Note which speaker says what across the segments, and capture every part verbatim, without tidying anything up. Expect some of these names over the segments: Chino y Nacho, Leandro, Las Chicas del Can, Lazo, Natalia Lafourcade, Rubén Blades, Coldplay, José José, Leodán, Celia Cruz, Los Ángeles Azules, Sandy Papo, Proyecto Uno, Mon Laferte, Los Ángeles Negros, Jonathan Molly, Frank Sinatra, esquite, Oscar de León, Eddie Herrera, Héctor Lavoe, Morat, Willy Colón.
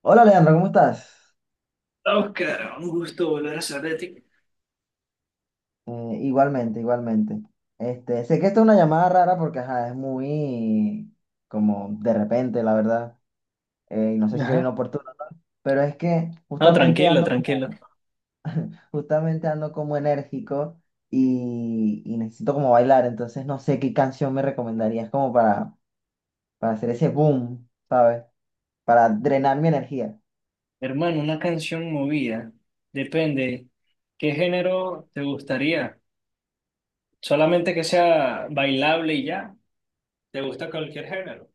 Speaker 1: Hola Leandro, ¿cómo estás?
Speaker 2: Oscar, un gusto volver a saber de ti.
Speaker 1: Eh, igualmente, igualmente. Este, sé que esta es una llamada rara porque ajá, es muy como de repente, la verdad. Eh, y no sé si soy
Speaker 2: Ajá.
Speaker 1: inoportuno, ¿no? Pero es que
Speaker 2: No,
Speaker 1: justamente
Speaker 2: tranquilo,
Speaker 1: ando,
Speaker 2: tranquilo.
Speaker 1: justamente ando como enérgico y, y necesito como bailar, entonces no sé qué canción me recomendarías como para, para hacer ese boom, ¿sabes? Para drenar mi energía.
Speaker 2: Hermano, una canción movida. Depende. ¿Qué género te gustaría? ¿Solamente que sea bailable y ya? ¿Te gusta cualquier género?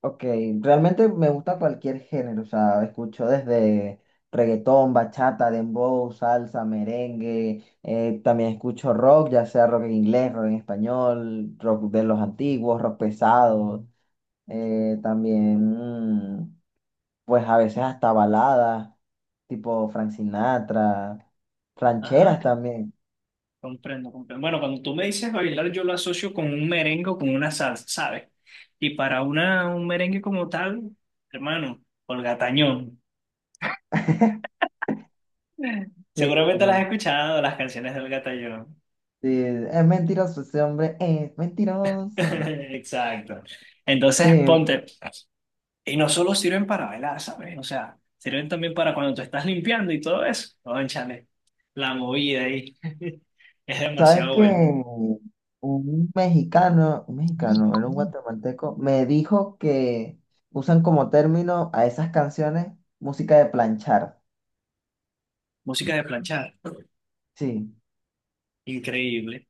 Speaker 1: Ok, realmente me gusta cualquier género, o sea, escucho desde reggaetón, bachata, dembow, salsa, merengue, eh, también escucho rock, ya sea rock en inglés, rock en español, rock de los antiguos, rock pesado, eh, también mm, pues a veces hasta baladas, tipo Frank Sinatra,
Speaker 2: Ajá,
Speaker 1: rancheras también.
Speaker 2: comprendo, comprendo. Bueno, cuando tú me dices bailar, yo lo asocio con un merengue o con una salsa, ¿sabes? Y para una, un merengue como tal, hermano, Olga Tañón. Seguramente las has
Speaker 1: Sí,
Speaker 2: escuchado, las canciones de Olga Tañón.
Speaker 1: sí, es mentiroso ese hombre, es mentiroso.
Speaker 2: Exacto. Entonces,
Speaker 1: Sí,
Speaker 2: ponte. Y no solo sirven para bailar, ¿sabes? O sea, sirven también para cuando tú estás limpiando y todo eso. Cónchale, la movida ahí es
Speaker 1: sabes
Speaker 2: demasiado
Speaker 1: que
Speaker 2: bueno.
Speaker 1: un mexicano, un mexicano, era un guatemalteco, me dijo que usan como término a esas canciones música de planchar.
Speaker 2: Música de planchar,
Speaker 1: Sí,
Speaker 2: increíble.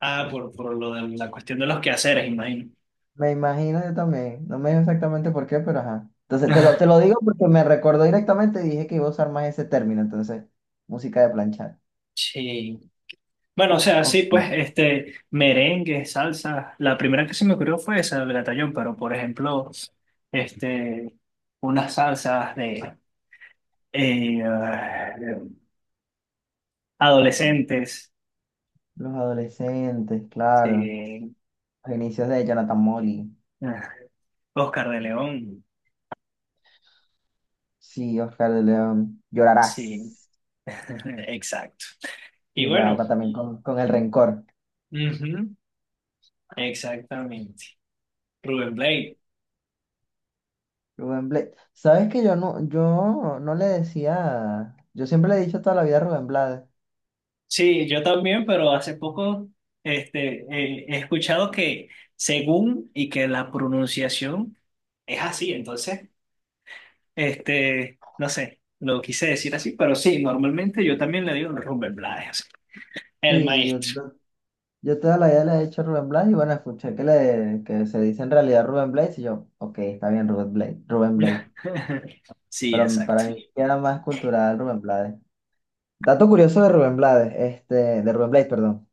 Speaker 2: Ah, por, por lo de la cuestión de los quehaceres, imagino.
Speaker 1: me imagino yo también. No me dijo exactamente por qué, pero ajá. Entonces te lo, te lo digo porque me recordó directamente y dije que iba a usar más ese término. Entonces, música de planchar.
Speaker 2: Sí. Bueno, o sea, sí,
Speaker 1: Ok.
Speaker 2: pues, este, merengue, salsa. La primera que se me ocurrió fue esa del batallón, pero por ejemplo, este, unas salsas de eh, ah, adolescentes,
Speaker 1: Los adolescentes, claro.
Speaker 2: sí.
Speaker 1: Los inicios de Jonathan Molly.
Speaker 2: Ah, Oscar de León,
Speaker 1: Sí, Oscar de León.
Speaker 2: sí,
Speaker 1: Llorarás.
Speaker 2: exacto. Y
Speaker 1: Sí, va,
Speaker 2: bueno,
Speaker 1: va también con, con el rencor.
Speaker 2: ujú, exactamente. Rubén Blade.
Speaker 1: Rubén Blades. ¿Sabes que yo no, yo no le decía, yo siempre le he dicho toda la vida a Rubén Blades.
Speaker 2: Sí, yo también, pero hace poco este, eh, he escuchado que según y que la pronunciación es así, entonces, este, no sé, lo quise decir así, pero sí, normalmente yo también le digo Rubén Blades, el
Speaker 1: Sí, yo,
Speaker 2: maestro.
Speaker 1: yo- yo toda la vida le he dicho Rubén Blades y bueno, escuché que, le, que se dice en realidad Rubén Blades y yo, ok, está bien Rubén Blades, Rubén Blades.
Speaker 2: Sí,
Speaker 1: Pero
Speaker 2: exacto.
Speaker 1: para mí era más cultural Rubén Blades. Dato curioso de Rubén Blades, este, de Rubén Blades, perdón.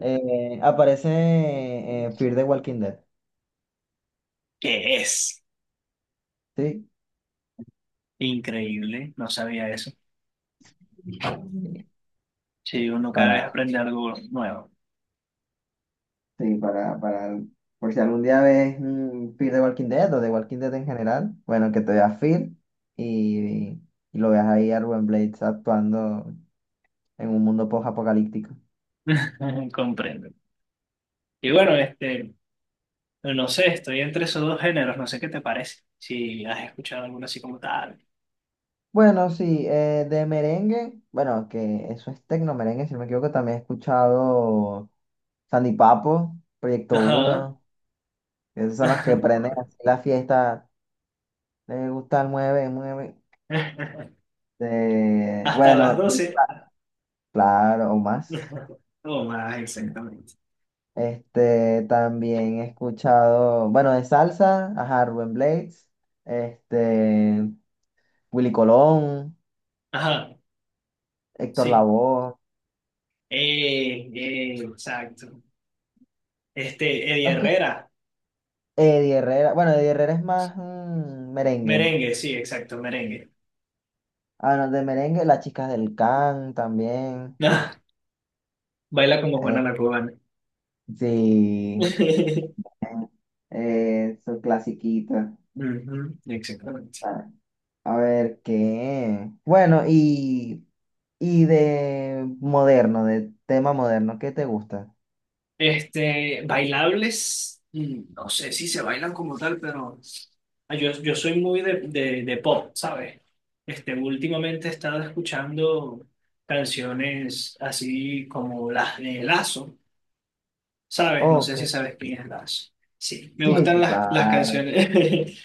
Speaker 1: Eh, aparece en Fear the Walking Dead,
Speaker 2: Que es
Speaker 1: ¿sí?
Speaker 2: increíble, no sabía eso. Sí, uno cada vez
Speaker 1: para
Speaker 2: aprende algo nuevo.
Speaker 1: Sí, para, para, por si algún día ves un feed de Walking Dead o de Walking Dead en general, bueno, que te veas feed y, y lo veas ahí a Ruben Blades actuando en un mundo post-apocalíptico.
Speaker 2: Comprendo. Y bueno, este, no sé, estoy entre esos dos géneros, no sé qué te parece. Si has escuchado alguno así como tal.
Speaker 1: Bueno, sí, eh, de merengue, bueno, que eso es tecno merengue, si no me equivoco, también he escuchado Sandy Papo, Proyecto
Speaker 2: Ajá.
Speaker 1: Uno, esos son los que prenden así la fiesta, les gusta el mueve, mueve. De,
Speaker 2: Hasta las
Speaker 1: bueno, de-
Speaker 2: doce.
Speaker 1: claro, o más.
Speaker 2: O más, exactamente.
Speaker 1: Este, también he escuchado, bueno, de salsa, ajá, Rubén Blades, este, Willy Colón,
Speaker 2: Ajá,
Speaker 1: Héctor
Speaker 2: sí.
Speaker 1: Lavoe,
Speaker 2: Eh, eh, exacto. Este, Eddie
Speaker 1: más que
Speaker 2: Herrera.
Speaker 1: Eddie Herrera, bueno, Eddie Herrera es más mm, merengue.
Speaker 2: Merengue, sí, exacto, merengue.
Speaker 1: Ah, no, de merengue, Las Chicas del Can también.
Speaker 2: Baila como Juana
Speaker 1: eh,
Speaker 2: la cubana.
Speaker 1: sí,
Speaker 2: Ujú,
Speaker 1: eh, su clasiquita.
Speaker 2: exactamente.
Speaker 1: Ah, a ver qué. Bueno, y, y de moderno, de tema moderno, ¿qué te gusta?
Speaker 2: Este, bailables, mm, no sé si se bailan como tal, pero ah, yo, yo soy muy de, de, de pop, ¿sabes? Este, últimamente he estado escuchando canciones así como las de Lazo, ¿sabes? No sé
Speaker 1: Ok,
Speaker 2: si sabes quién es Lazo. Sí, me
Speaker 1: sí,
Speaker 2: gustan
Speaker 1: sí,
Speaker 2: las, las
Speaker 1: claro.
Speaker 2: canciones,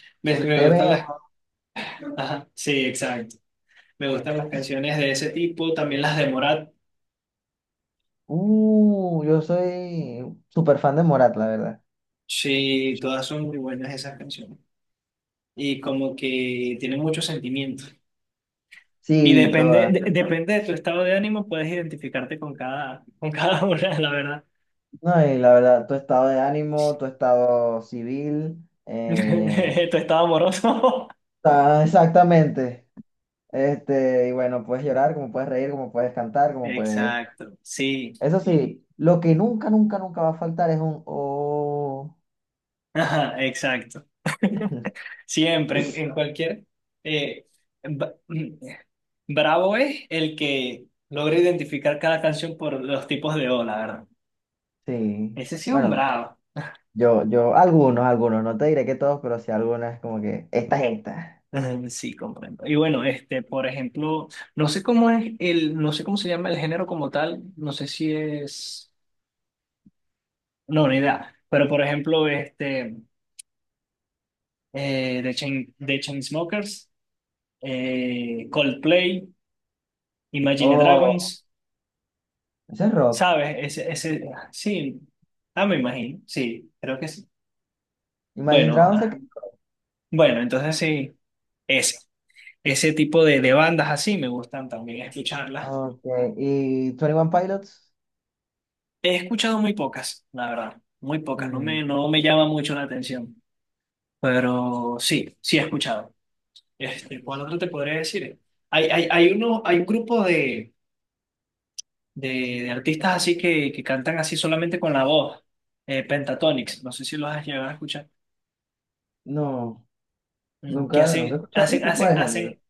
Speaker 2: me, me
Speaker 1: Te
Speaker 2: gustan
Speaker 1: veo.
Speaker 2: las, ajá, sí, exacto. Me gustan las canciones de ese tipo, también las de Morat,
Speaker 1: Uh, yo soy súper fan de Morat, la verdad.
Speaker 2: sí, todas son muy buenas esas canciones, y como que tiene muchos sentimientos. Y
Speaker 1: Sí,
Speaker 2: depende,
Speaker 1: toda.
Speaker 2: de- depende de tu estado de ánimo, puedes identificarte con cada, con cada una, la verdad.
Speaker 1: No, y la verdad, tu estado de ánimo, tu estado civil. eh,
Speaker 2: Tu estado amoroso.
Speaker 1: ah, exactamente. Este, y bueno, puedes llorar, como puedes reír, como puedes cantar, como puedes.
Speaker 2: Exacto, sí,
Speaker 1: Eso sí, lo que nunca, nunca, nunca va a faltar es un oh.
Speaker 2: ajá, exacto. Siempre, en, en cualquier... eh, ba- bravo es el que logra identificar cada canción por los tipos de O, la verdad.
Speaker 1: Sí.
Speaker 2: Ese sí es un
Speaker 1: Bueno,
Speaker 2: bravo.
Speaker 1: yo, yo, algunos, algunos, no te diré que todos, pero sí algunas como que esta es esta.
Speaker 2: Mm, sí, comprendo. Y bueno, este, por ejemplo, no sé cómo es el, no sé cómo se llama el género como tal, no sé si es, no, ni idea, pero por ejemplo, este, eh, The Chain, The Chainsmokers, eh, Coldplay, Imagine
Speaker 1: Oh,
Speaker 2: Dragons,
Speaker 1: ese es rock.
Speaker 2: ¿sabes? Ese, ese, ah, sí, ah, me imagino, sí, creo que sí.
Speaker 1: Imagine
Speaker 2: Bueno,
Speaker 1: Dragons se
Speaker 2: ah,
Speaker 1: quedó.
Speaker 2: bueno, entonces sí, ese, ese tipo de, de bandas así me gustan también escucharlas.
Speaker 1: Ok, ¿y veintiún Pilots?
Speaker 2: He escuchado muy pocas, la verdad, muy pocas, no
Speaker 1: Mm,
Speaker 2: me, no me llama mucho la atención, pero sí, sí he escuchado. Este, ¿cuál otro te podría decir? Hay, hay, hay, uno, hay un grupo de, de, de artistas así que, que cantan así solamente con la voz, eh, Pentatonix, no sé si los has llegado a escuchar,
Speaker 1: no,
Speaker 2: mm, que
Speaker 1: nunca, nunca he
Speaker 2: hacen,
Speaker 1: escuchado
Speaker 2: hacen,
Speaker 1: ese tipo
Speaker 2: hacen,
Speaker 1: de género.
Speaker 2: hacen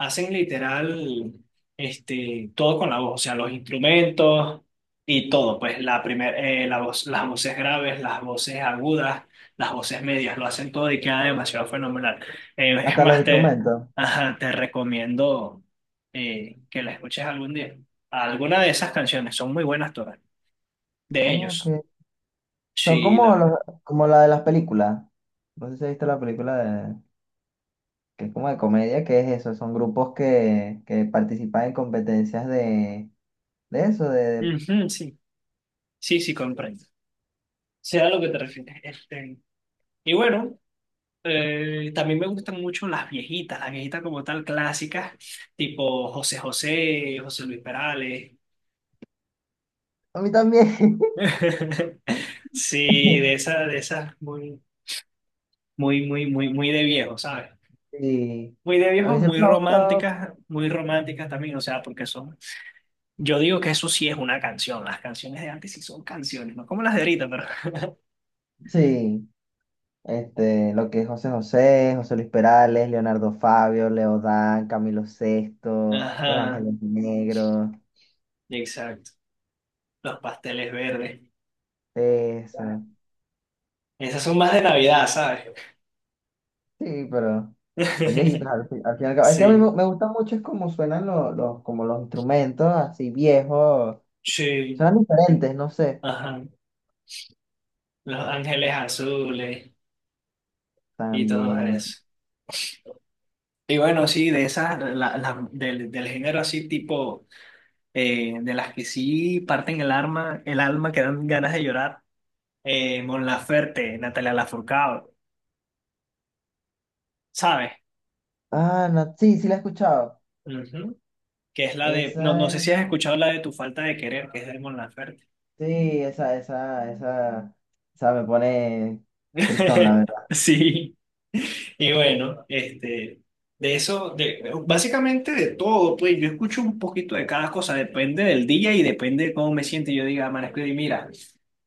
Speaker 2: hacen literal este, todo con la voz, o sea, los instrumentos y todo, pues la primer, eh, la voz, las voces graves, las voces agudas, las voces medias, lo hacen todo y queda demasiado fenomenal. Eh, es
Speaker 1: Hasta los
Speaker 2: más, te,
Speaker 1: instrumentos.
Speaker 2: ajá, te recomiendo eh, que la escuches algún día. Alguna de esas canciones son muy buenas todas, de ellos.
Speaker 1: Ok. Son
Speaker 2: Sí, la
Speaker 1: como, los,
Speaker 2: verdad.
Speaker 1: Como la de las películas. No sé si has visto la película de, que es como de comedia, que es eso. Son grupos que, que participan en competencias de, de eso, de, de-
Speaker 2: Ujú, sí, sí, sí, comprendo. Sea lo que te refieres. Este, y bueno. Eh, también me gustan mucho las viejitas, las viejitas como tal clásicas, tipo José José, José Luis Perales.
Speaker 1: A mí también.
Speaker 2: Sí, de esas, de esas muy, muy, muy, muy, muy de viejo, ¿sabes?
Speaker 1: Sí.
Speaker 2: Muy de
Speaker 1: A
Speaker 2: viejo,
Speaker 1: mí siempre
Speaker 2: muy
Speaker 1: me ha gustado.
Speaker 2: románticas, muy románticas también, o sea, porque son. Yo digo que eso sí es una canción, las canciones de antes sí son canciones, no como las de ahorita, pero.
Speaker 1: Sí. Este, lo que es José José, José Luis Perales, Leonardo Fabio, Leodán, Camilo Sesto, Los
Speaker 2: Ajá,
Speaker 1: Ángeles Negros,
Speaker 2: exacto. Los pasteles verdes.
Speaker 1: eso.
Speaker 2: Esas son más de Navidad, ¿sabes?
Speaker 1: Sí, pero son viejitos al, fin al fin y al cabo. Es que a mí me,
Speaker 2: Sí,
Speaker 1: me gusta mucho es como suenan los, los, como los instrumentos así viejos.
Speaker 2: sí,
Speaker 1: Suenan diferentes, no sé.
Speaker 2: ajá. Los Ángeles Azules y todo
Speaker 1: También.
Speaker 2: eso. Y bueno, sí, de esas, la- la- del, del género así tipo, eh, de las que sí parten el alma, el alma que dan ganas de llorar, eh, Mon Laferte, Natalia Lafourcade, ¿sabes?
Speaker 1: Ah, no, sí, sí la he escuchado.
Speaker 2: Ujú. Que es la de, no, no
Speaker 1: Esa
Speaker 2: sé
Speaker 1: es,
Speaker 2: si has escuchado la de Tu falta de querer, que es de Mon Laferte.
Speaker 1: sí, esa, esa, esa, esa me pone tristón, la verdad.
Speaker 2: Sí. Y bueno, este, de eso, de, básicamente de todo, pues yo escucho un poquito de cada cosa, depende del día y depende de cómo me siento. Yo diga, Marisco, y mira,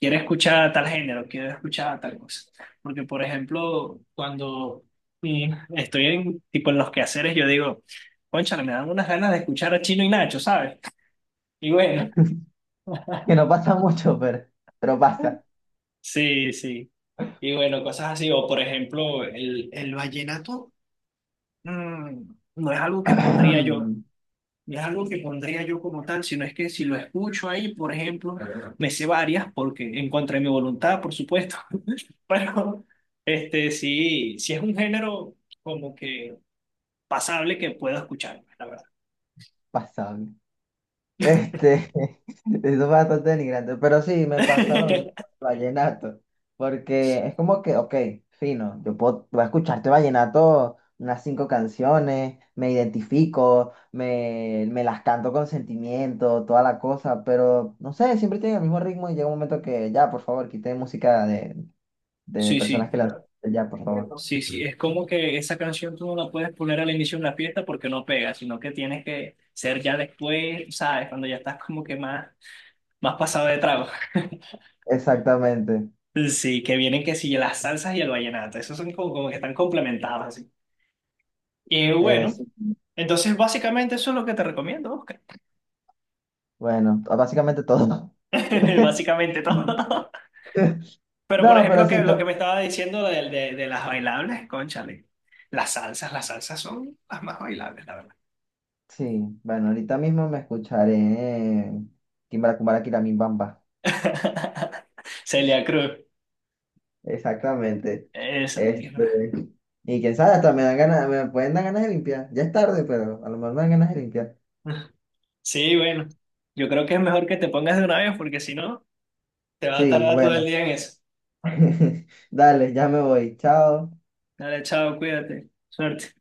Speaker 2: quiero escuchar tal género, quiero escuchar tal cosa. Porque, por ejemplo, cuando mm, estoy en, tipo, en los quehaceres, yo digo, cónchale, me dan unas ganas de escuchar a Chino y Nacho, ¿sabes? Y bueno,
Speaker 1: Que no pasa mucho, pero, pero pasa.
Speaker 2: sí, sí. Y bueno, cosas así, o por ejemplo, el, el vallenato. Mm, no es algo que pondría yo, no es algo que pondría yo como tal, sino es que si lo escucho ahí, por ejemplo, me sé varias porque en contra de mi voluntad, por supuesto, pero este sí, sí es un género como que pasable que puedo escuchar, la verdad.
Speaker 1: Pasable. Este, es bastante denigrante, pero sí, me pasa lo mismo con el vallenato, porque es como que, ok, fino, yo puedo, voy a escucharte vallenato unas cinco canciones, me identifico, me, me las canto con sentimiento, toda la cosa, pero no sé, siempre tiene el mismo ritmo y llega un momento que ya, por favor, quité música de, de
Speaker 2: Sí,
Speaker 1: personas
Speaker 2: sí.
Speaker 1: que la... Ya, por favor.
Speaker 2: Sí, sí, es como que esa canción tú no la puedes poner al inicio de una fiesta porque no pega, sino que tienes que ser ya después, ¿sabes? Cuando ya estás como que más, más pasado de trago.
Speaker 1: Exactamente.
Speaker 2: Sí, que vienen que sí, las salsas y el vallenato. Esos son como, como que están complementados así. Y
Speaker 1: Eh,
Speaker 2: bueno,
Speaker 1: sí,
Speaker 2: entonces básicamente eso es lo que te recomiendo, Oscar.
Speaker 1: bueno, básicamente todo.
Speaker 2: Básicamente todo. Pero por
Speaker 1: No, pero
Speaker 2: ejemplo, que
Speaker 1: sí,
Speaker 2: lo que me
Speaker 1: to-
Speaker 2: estaba diciendo de, de, de las bailables, cónchale. Las salsas, las salsas son las más bailables, la verdad.
Speaker 1: Sí. Bueno, ahorita mismo me escucharé Kimbara Kumbara Kiramin Bamba.
Speaker 2: Celia Cruz.
Speaker 1: Exactamente.
Speaker 2: Esa
Speaker 1: Este,
Speaker 2: misma.
Speaker 1: y quién sabe, hasta me dan ganas, me pueden dar ganas de limpiar. Ya es tarde, pero a lo mejor me dan ganas de limpiar.
Speaker 2: Sí, bueno. Yo creo que es mejor que te pongas de una vez porque si no, te va a
Speaker 1: Sí,
Speaker 2: tardar todo el
Speaker 1: bueno.
Speaker 2: día en eso.
Speaker 1: Dale, ya me voy. Chao.
Speaker 2: Dale, chao, cuídate. Suerte.